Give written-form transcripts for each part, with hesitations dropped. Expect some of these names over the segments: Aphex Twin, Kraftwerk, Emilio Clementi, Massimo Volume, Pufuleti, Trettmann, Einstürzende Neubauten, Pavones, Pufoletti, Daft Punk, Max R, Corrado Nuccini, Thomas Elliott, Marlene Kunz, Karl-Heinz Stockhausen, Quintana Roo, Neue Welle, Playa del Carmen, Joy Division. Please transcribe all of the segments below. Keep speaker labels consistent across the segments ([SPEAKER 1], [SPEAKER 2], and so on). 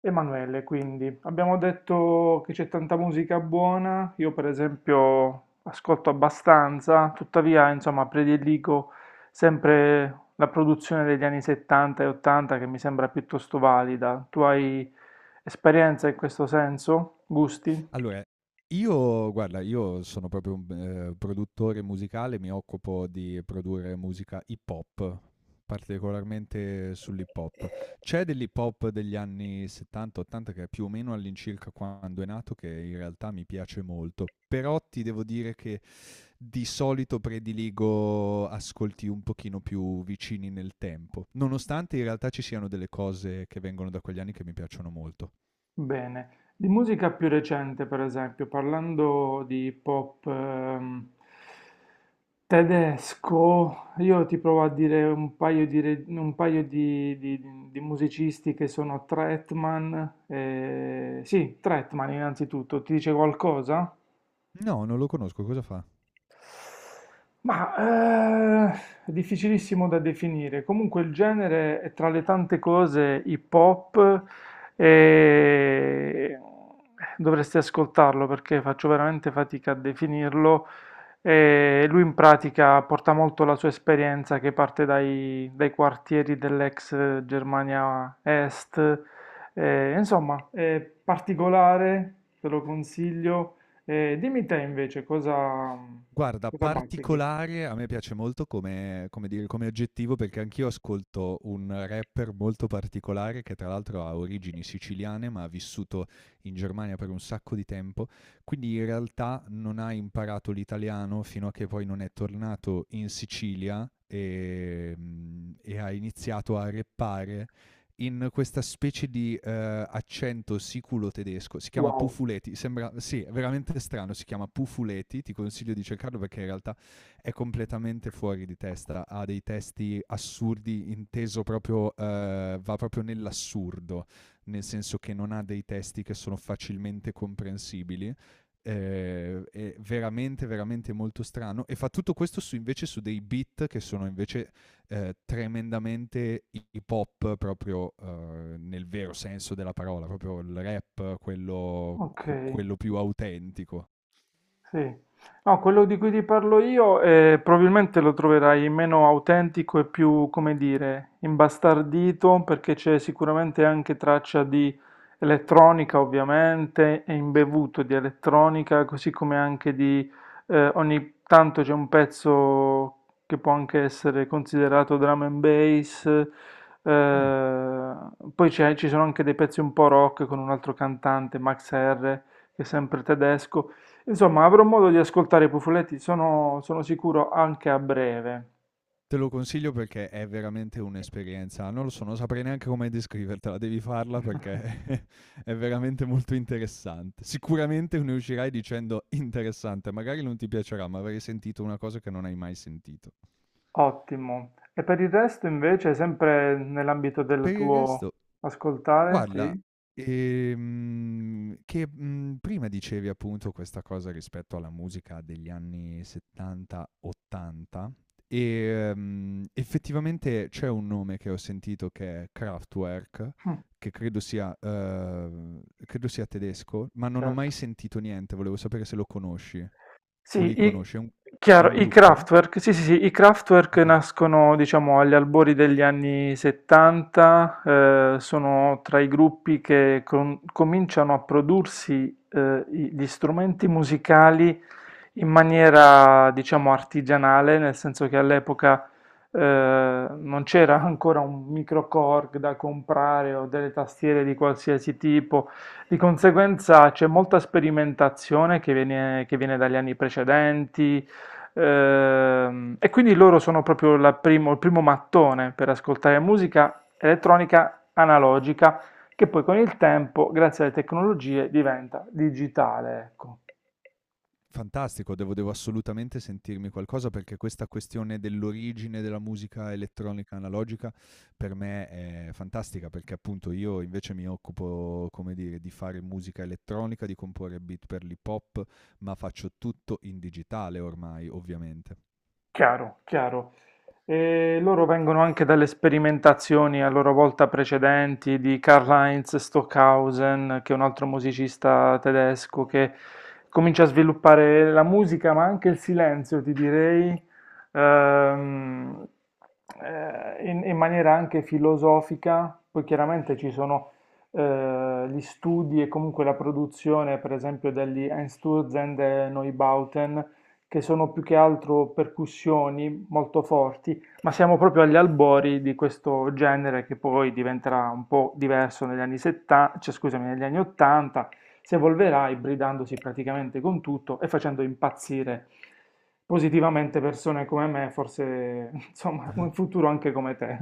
[SPEAKER 1] Emanuele, quindi abbiamo detto che c'è tanta musica buona. Io per esempio ascolto abbastanza, tuttavia insomma prediligo sempre la produzione degli anni '70 e '80, che mi sembra piuttosto valida. Tu hai esperienza in questo senso? Gusti?
[SPEAKER 2] Allora, io guarda, io sono proprio un produttore musicale, mi occupo di produrre musica hip hop, particolarmente sull'hip hop. C'è dell'hip hop degli anni 70, 80 che è più o meno all'incirca quando è nato, che in realtà mi piace molto, però ti devo dire che di solito prediligo ascolti un pochino più vicini nel tempo, nonostante in realtà ci siano delle cose che vengono da quegli anni che mi piacciono molto.
[SPEAKER 1] Bene, di musica più recente, per esempio, parlando di pop tedesco, io ti provo a dire un paio di, re- un paio di musicisti che sono Trettmann, sì, Trettmann innanzitutto, ti dice qualcosa?
[SPEAKER 2] No, non lo conosco, cosa fa?
[SPEAKER 1] Ma eh, è difficilissimo da definire. Comunque il genere è tra le tante cose hip hop e dovresti ascoltarlo perché faccio veramente fatica a definirlo. E lui in pratica porta molto la sua esperienza che parte dai quartieri dell'ex Germania Est. Insomma, è particolare, te lo consiglio. Dimmi te invece
[SPEAKER 2] Guarda,
[SPEAKER 1] cosa bazzichi.
[SPEAKER 2] particolare a me piace molto come dire, come aggettivo, perché anch'io ascolto un rapper molto particolare, che tra l'altro ha origini siciliane, ma ha vissuto in Germania per un sacco di tempo, quindi in realtà non ha imparato l'italiano fino a che poi non è tornato in Sicilia, e ha iniziato a rappare in questa specie di accento siculo tedesco. Si chiama
[SPEAKER 1] Wow,
[SPEAKER 2] Pufuleti. Sembra, sì, è veramente strano. Si chiama Pufuleti. Ti consiglio di cercarlo perché in realtà è completamente fuori di testa. Ha dei testi assurdi, inteso proprio, va proprio nell'assurdo, nel senso che non ha dei testi che sono facilmente comprensibili. È veramente molto strano e fa tutto questo su, invece su dei beat che sono invece tremendamente hip hop proprio nel vero senso della parola, proprio il rap, quello,
[SPEAKER 1] ok.
[SPEAKER 2] quello più autentico.
[SPEAKER 1] Sì. No, quello di cui ti parlo io probabilmente lo troverai meno autentico e più, come dire, imbastardito, perché c'è sicuramente anche traccia di elettronica, ovviamente, e imbevuto di elettronica, così come anche di ogni tanto c'è un pezzo che può anche essere considerato drum and bass.
[SPEAKER 2] Mm.
[SPEAKER 1] eh, Poi ci sono anche dei pezzi un po' rock con un altro cantante, Max R, che è sempre tedesco. Insomma, avrò modo di ascoltare i Pufoletti, sono sicuro anche a breve.
[SPEAKER 2] Te lo consiglio perché è veramente un'esperienza, non lo so, non saprei neanche come descrivertela, devi farla perché è veramente molto interessante. Sicuramente ne uscirai dicendo interessante, magari non ti piacerà, ma avrai sentito una cosa che non hai mai sentito.
[SPEAKER 1] Ottimo. E per il resto, invece, sempre nell'ambito del
[SPEAKER 2] Per il
[SPEAKER 1] tuo
[SPEAKER 2] resto,
[SPEAKER 1] ascoltare,
[SPEAKER 2] guarda,
[SPEAKER 1] sì?
[SPEAKER 2] che, mhmm, prima dicevi appunto questa cosa rispetto alla musica degli anni 70, 80. Effettivamente c'è un nome che ho sentito che è Kraftwerk,
[SPEAKER 1] Mm,
[SPEAKER 2] che credo sia tedesco, ma non ho mai
[SPEAKER 1] certo.
[SPEAKER 2] sentito niente, volevo sapere se lo conosci o
[SPEAKER 1] Sì,
[SPEAKER 2] li
[SPEAKER 1] i,
[SPEAKER 2] conosci. È
[SPEAKER 1] chiaro,
[SPEAKER 2] un
[SPEAKER 1] i
[SPEAKER 2] gruppo?
[SPEAKER 1] Kraftwerk, sì, sì, sì, i Kraftwerk
[SPEAKER 2] Oka.
[SPEAKER 1] nascono, diciamo, agli albori degli anni '70. Sono tra i gruppi che cominciano a prodursi gli strumenti musicali in maniera, diciamo, artigianale, nel senso che all'epoca eh, non c'era ancora un microcorg da comprare o delle tastiere di qualsiasi tipo, di conseguenza c'è molta sperimentazione che viene dagli anni precedenti. E quindi loro sono proprio il primo mattone per ascoltare musica elettronica analogica, che poi con il tempo, grazie alle tecnologie, diventa digitale, ecco.
[SPEAKER 2] Fantastico, devo assolutamente sentirmi qualcosa perché questa questione dell'origine della musica elettronica analogica per me è fantastica, perché appunto io invece mi occupo, come dire, di fare musica elettronica, di comporre beat per l'hip hop, ma faccio tutto in digitale ormai, ovviamente.
[SPEAKER 1] Chiaro, chiaro. E loro vengono anche dalle sperimentazioni a loro volta precedenti di Karl-Heinz Stockhausen, che è un altro musicista tedesco che comincia a sviluppare la musica, ma anche il silenzio, ti direi, ehm, in maniera anche filosofica. Poi chiaramente ci sono gli studi e comunque la produzione, per esempio, degli Einstürzende Neubauten, che sono più che altro percussioni molto forti, ma siamo proprio agli albori di questo genere, che poi diventerà un po' diverso negli anni '70, cioè, scusami, negli anni '80, si evolverà ibridandosi praticamente con tutto e facendo impazzire positivamente persone come me, forse insomma, in futuro anche come te.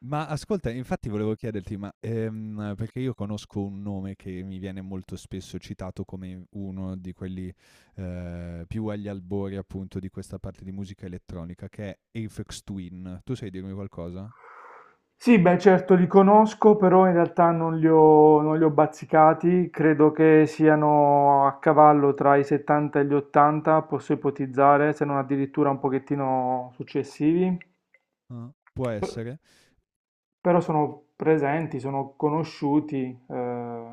[SPEAKER 2] Ma ascolta, infatti volevo chiederti, perché io conosco un nome che mi viene molto spesso citato come uno di quelli, più agli albori appunto di questa parte di musica elettronica, che è Aphex Twin. Tu sai dirmi qualcosa?
[SPEAKER 1] Sì, beh, certo li conosco, però in realtà non li ho bazzicati, credo che siano a cavallo tra i '70 e gli '80, posso ipotizzare, se non addirittura un pochettino successivi.
[SPEAKER 2] Ah. Può
[SPEAKER 1] P-
[SPEAKER 2] essere.
[SPEAKER 1] Però sono presenti, sono conosciuti, eh,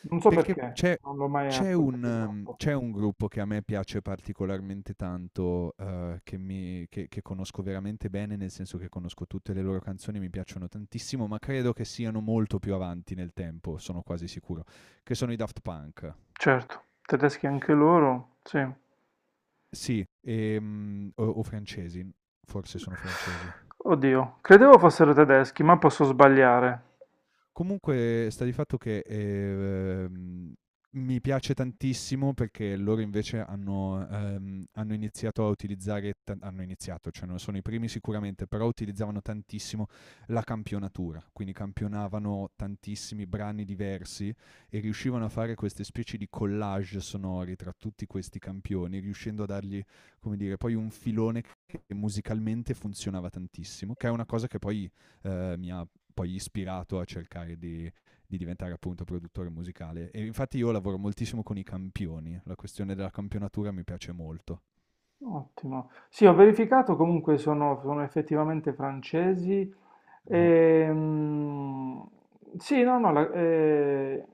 [SPEAKER 1] non so
[SPEAKER 2] Perché
[SPEAKER 1] perché,
[SPEAKER 2] c'è
[SPEAKER 1] non l'ho mai
[SPEAKER 2] c'è un
[SPEAKER 1] ascoltati
[SPEAKER 2] mhmm,
[SPEAKER 1] troppo.
[SPEAKER 2] c'è un gruppo che a me piace particolarmente tanto, che mi che conosco veramente bene, nel senso che conosco tutte le loro canzoni, mi piacciono tantissimo, ma credo che siano molto più avanti nel tempo, sono quasi sicuro, che sono i Daft Punk.
[SPEAKER 1] Certo, tedeschi anche loro, sì.
[SPEAKER 2] Sì, o francesi, forse sono francesi.
[SPEAKER 1] Oddio, credevo fossero tedeschi, ma posso sbagliare.
[SPEAKER 2] Comunque sta di fatto che, mi piace tantissimo perché loro invece hanno hanno iniziato a utilizzare ta hanno iniziato, cioè non sono i primi sicuramente, però utilizzavano tantissimo la campionatura, quindi campionavano tantissimi brani diversi e riuscivano a fare queste specie di collage sonori tra tutti questi campioni, riuscendo a dargli, come dire, poi un filone che musicalmente funzionava tantissimo, che è una cosa che poi, mi ha poi ispirato a cercare di diventare appunto produttore musicale. E infatti io lavoro moltissimo con i campioni, la questione della campionatura mi piace molto.
[SPEAKER 1] Ottimo. Sì, ho verificato, comunque sono effettivamente francesi.
[SPEAKER 2] Mhm.
[SPEAKER 1] Ehm, sì, no, no, la-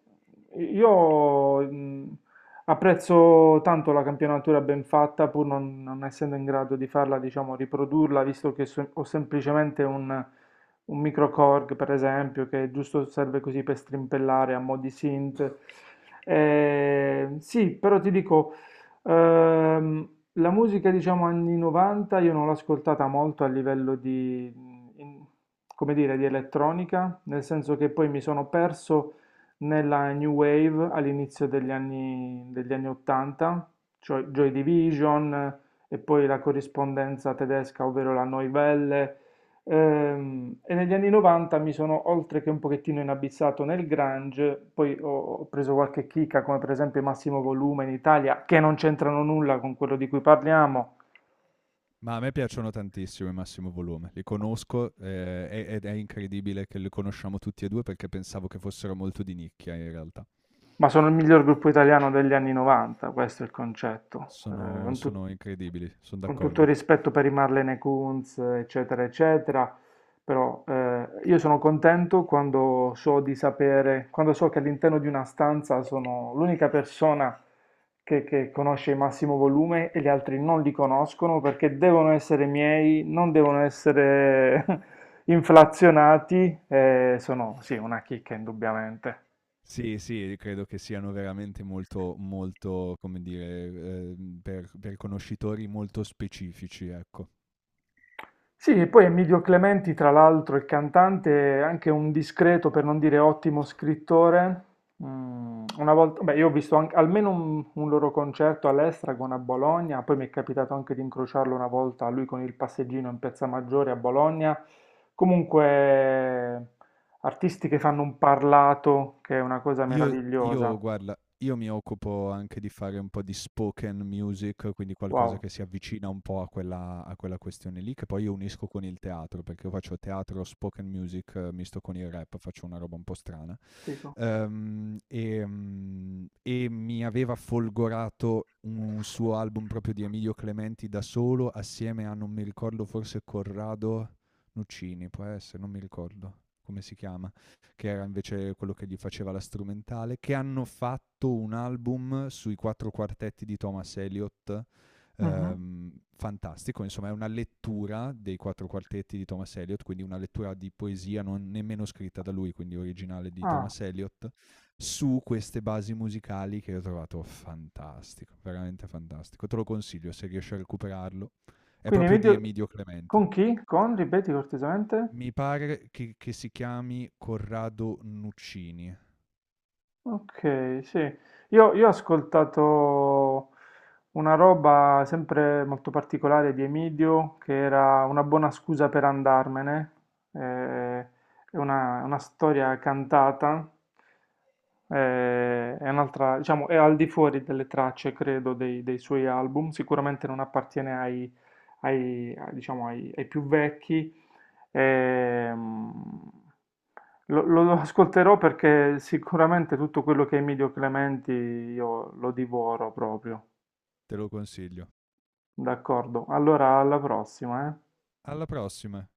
[SPEAKER 1] io apprezzo tanto la campionatura ben fatta, pur non essendo in grado di farla, diciamo, riprodurla, visto che ho semplicemente un microcorg, per esempio, che giusto serve così per strimpellare a mo' di synth. Sì, però ti dico... Ehm, la musica, diciamo, anni '90 io non l'ho ascoltata molto a livello di, in- come dire, di elettronica, nel senso che poi mi sono perso nella New Wave all'inizio degli anni '80, cioè Joy Division, e poi la corrispondenza tedesca, ovvero la Neue Welle. E negli anni '90 mi sono oltre che un pochettino inabissato nel grunge, poi ho preso qualche chicca come per esempio Massimo Volume in Italia, che non c'entrano nulla con quello di cui parliamo,
[SPEAKER 2] Ma a me piacciono tantissimo i Massimo Volume, li conosco, ed è incredibile che li conosciamo tutti e due perché pensavo che fossero molto di nicchia in realtà.
[SPEAKER 1] ma sono il miglior gruppo italiano degli anni '90, questo è il concetto. Con, tut-
[SPEAKER 2] Sono incredibili, sono
[SPEAKER 1] con tutto il
[SPEAKER 2] d'accordo.
[SPEAKER 1] rispetto per i Marlene Kunz, eccetera, eccetera, però io sono contento quando so che all'interno di una stanza sono l'unica persona che conosce il massimo volume e gli altri non li conoscono perché devono essere miei, non devono essere inflazionati, sono sì, una chicca indubbiamente.
[SPEAKER 2] Sì, sì, credo che siano veramente molto, come dire, per conoscitori molto specifici, ecco.
[SPEAKER 1] Sì, e poi Emilio Clementi, tra l'altro, il cantante, è anche un discreto, per non dire ottimo, scrittore. Mm, una volta, beh, io ho visto almeno un loro concerto all'Estragon a Bologna, poi mi è capitato anche di incrociarlo una volta, lui con il passeggino in Piazza Maggiore a Bologna. Comunque, artisti che fanno un parlato, che è una cosa
[SPEAKER 2] Io
[SPEAKER 1] meravigliosa.
[SPEAKER 2] io guarda, io mi occupo anche di fare un po' di spoken music, quindi qualcosa
[SPEAKER 1] Wow,
[SPEAKER 2] che si avvicina un po' a quella questione lì, che poi io unisco con il teatro, perché io faccio teatro spoken music, misto con il rap, faccio una roba un po' strana.
[SPEAKER 1] dico.
[SPEAKER 2] E mi aveva folgorato un suo album proprio di Emilio Clementi da solo, assieme a non mi ricordo, forse Corrado Nuccini, può essere, non mi ricordo come si chiama, che era invece quello che gli faceva la strumentale, che hanno fatto un album sui quattro quartetti di Thomas Elliott.
[SPEAKER 1] Mhm.
[SPEAKER 2] Fantastico, insomma è una lettura dei quattro quartetti di Thomas Eliot, quindi una lettura di poesia non nemmeno scritta da lui, quindi originale di
[SPEAKER 1] Ah,
[SPEAKER 2] Thomas Eliot, su queste basi musicali, che ho trovato fantastico, veramente fantastico. Te lo consiglio se riesci a recuperarlo. È
[SPEAKER 1] quindi
[SPEAKER 2] proprio di
[SPEAKER 1] Emilio,
[SPEAKER 2] Emidio Clementi.
[SPEAKER 1] con chi? Con, ripeti cortesemente?
[SPEAKER 2] Mi pare che si chiami Corrado Nuccini,
[SPEAKER 1] Ok, sì. Io ho ascoltato una roba sempre molto particolare di Emidio, che era una buona scusa per andarmene. eh, È una storia cantata, è un'altra, diciamo, è al di fuori delle tracce, credo, dei suoi album. Sicuramente non appartiene ai più vecchi. Ehm, lo ascolterò perché sicuramente tutto quello che è Emilio Clementi io lo divoro proprio.
[SPEAKER 2] te lo consiglio.
[SPEAKER 1] D'accordo. Allora, alla prossima, eh.
[SPEAKER 2] Alla prossima.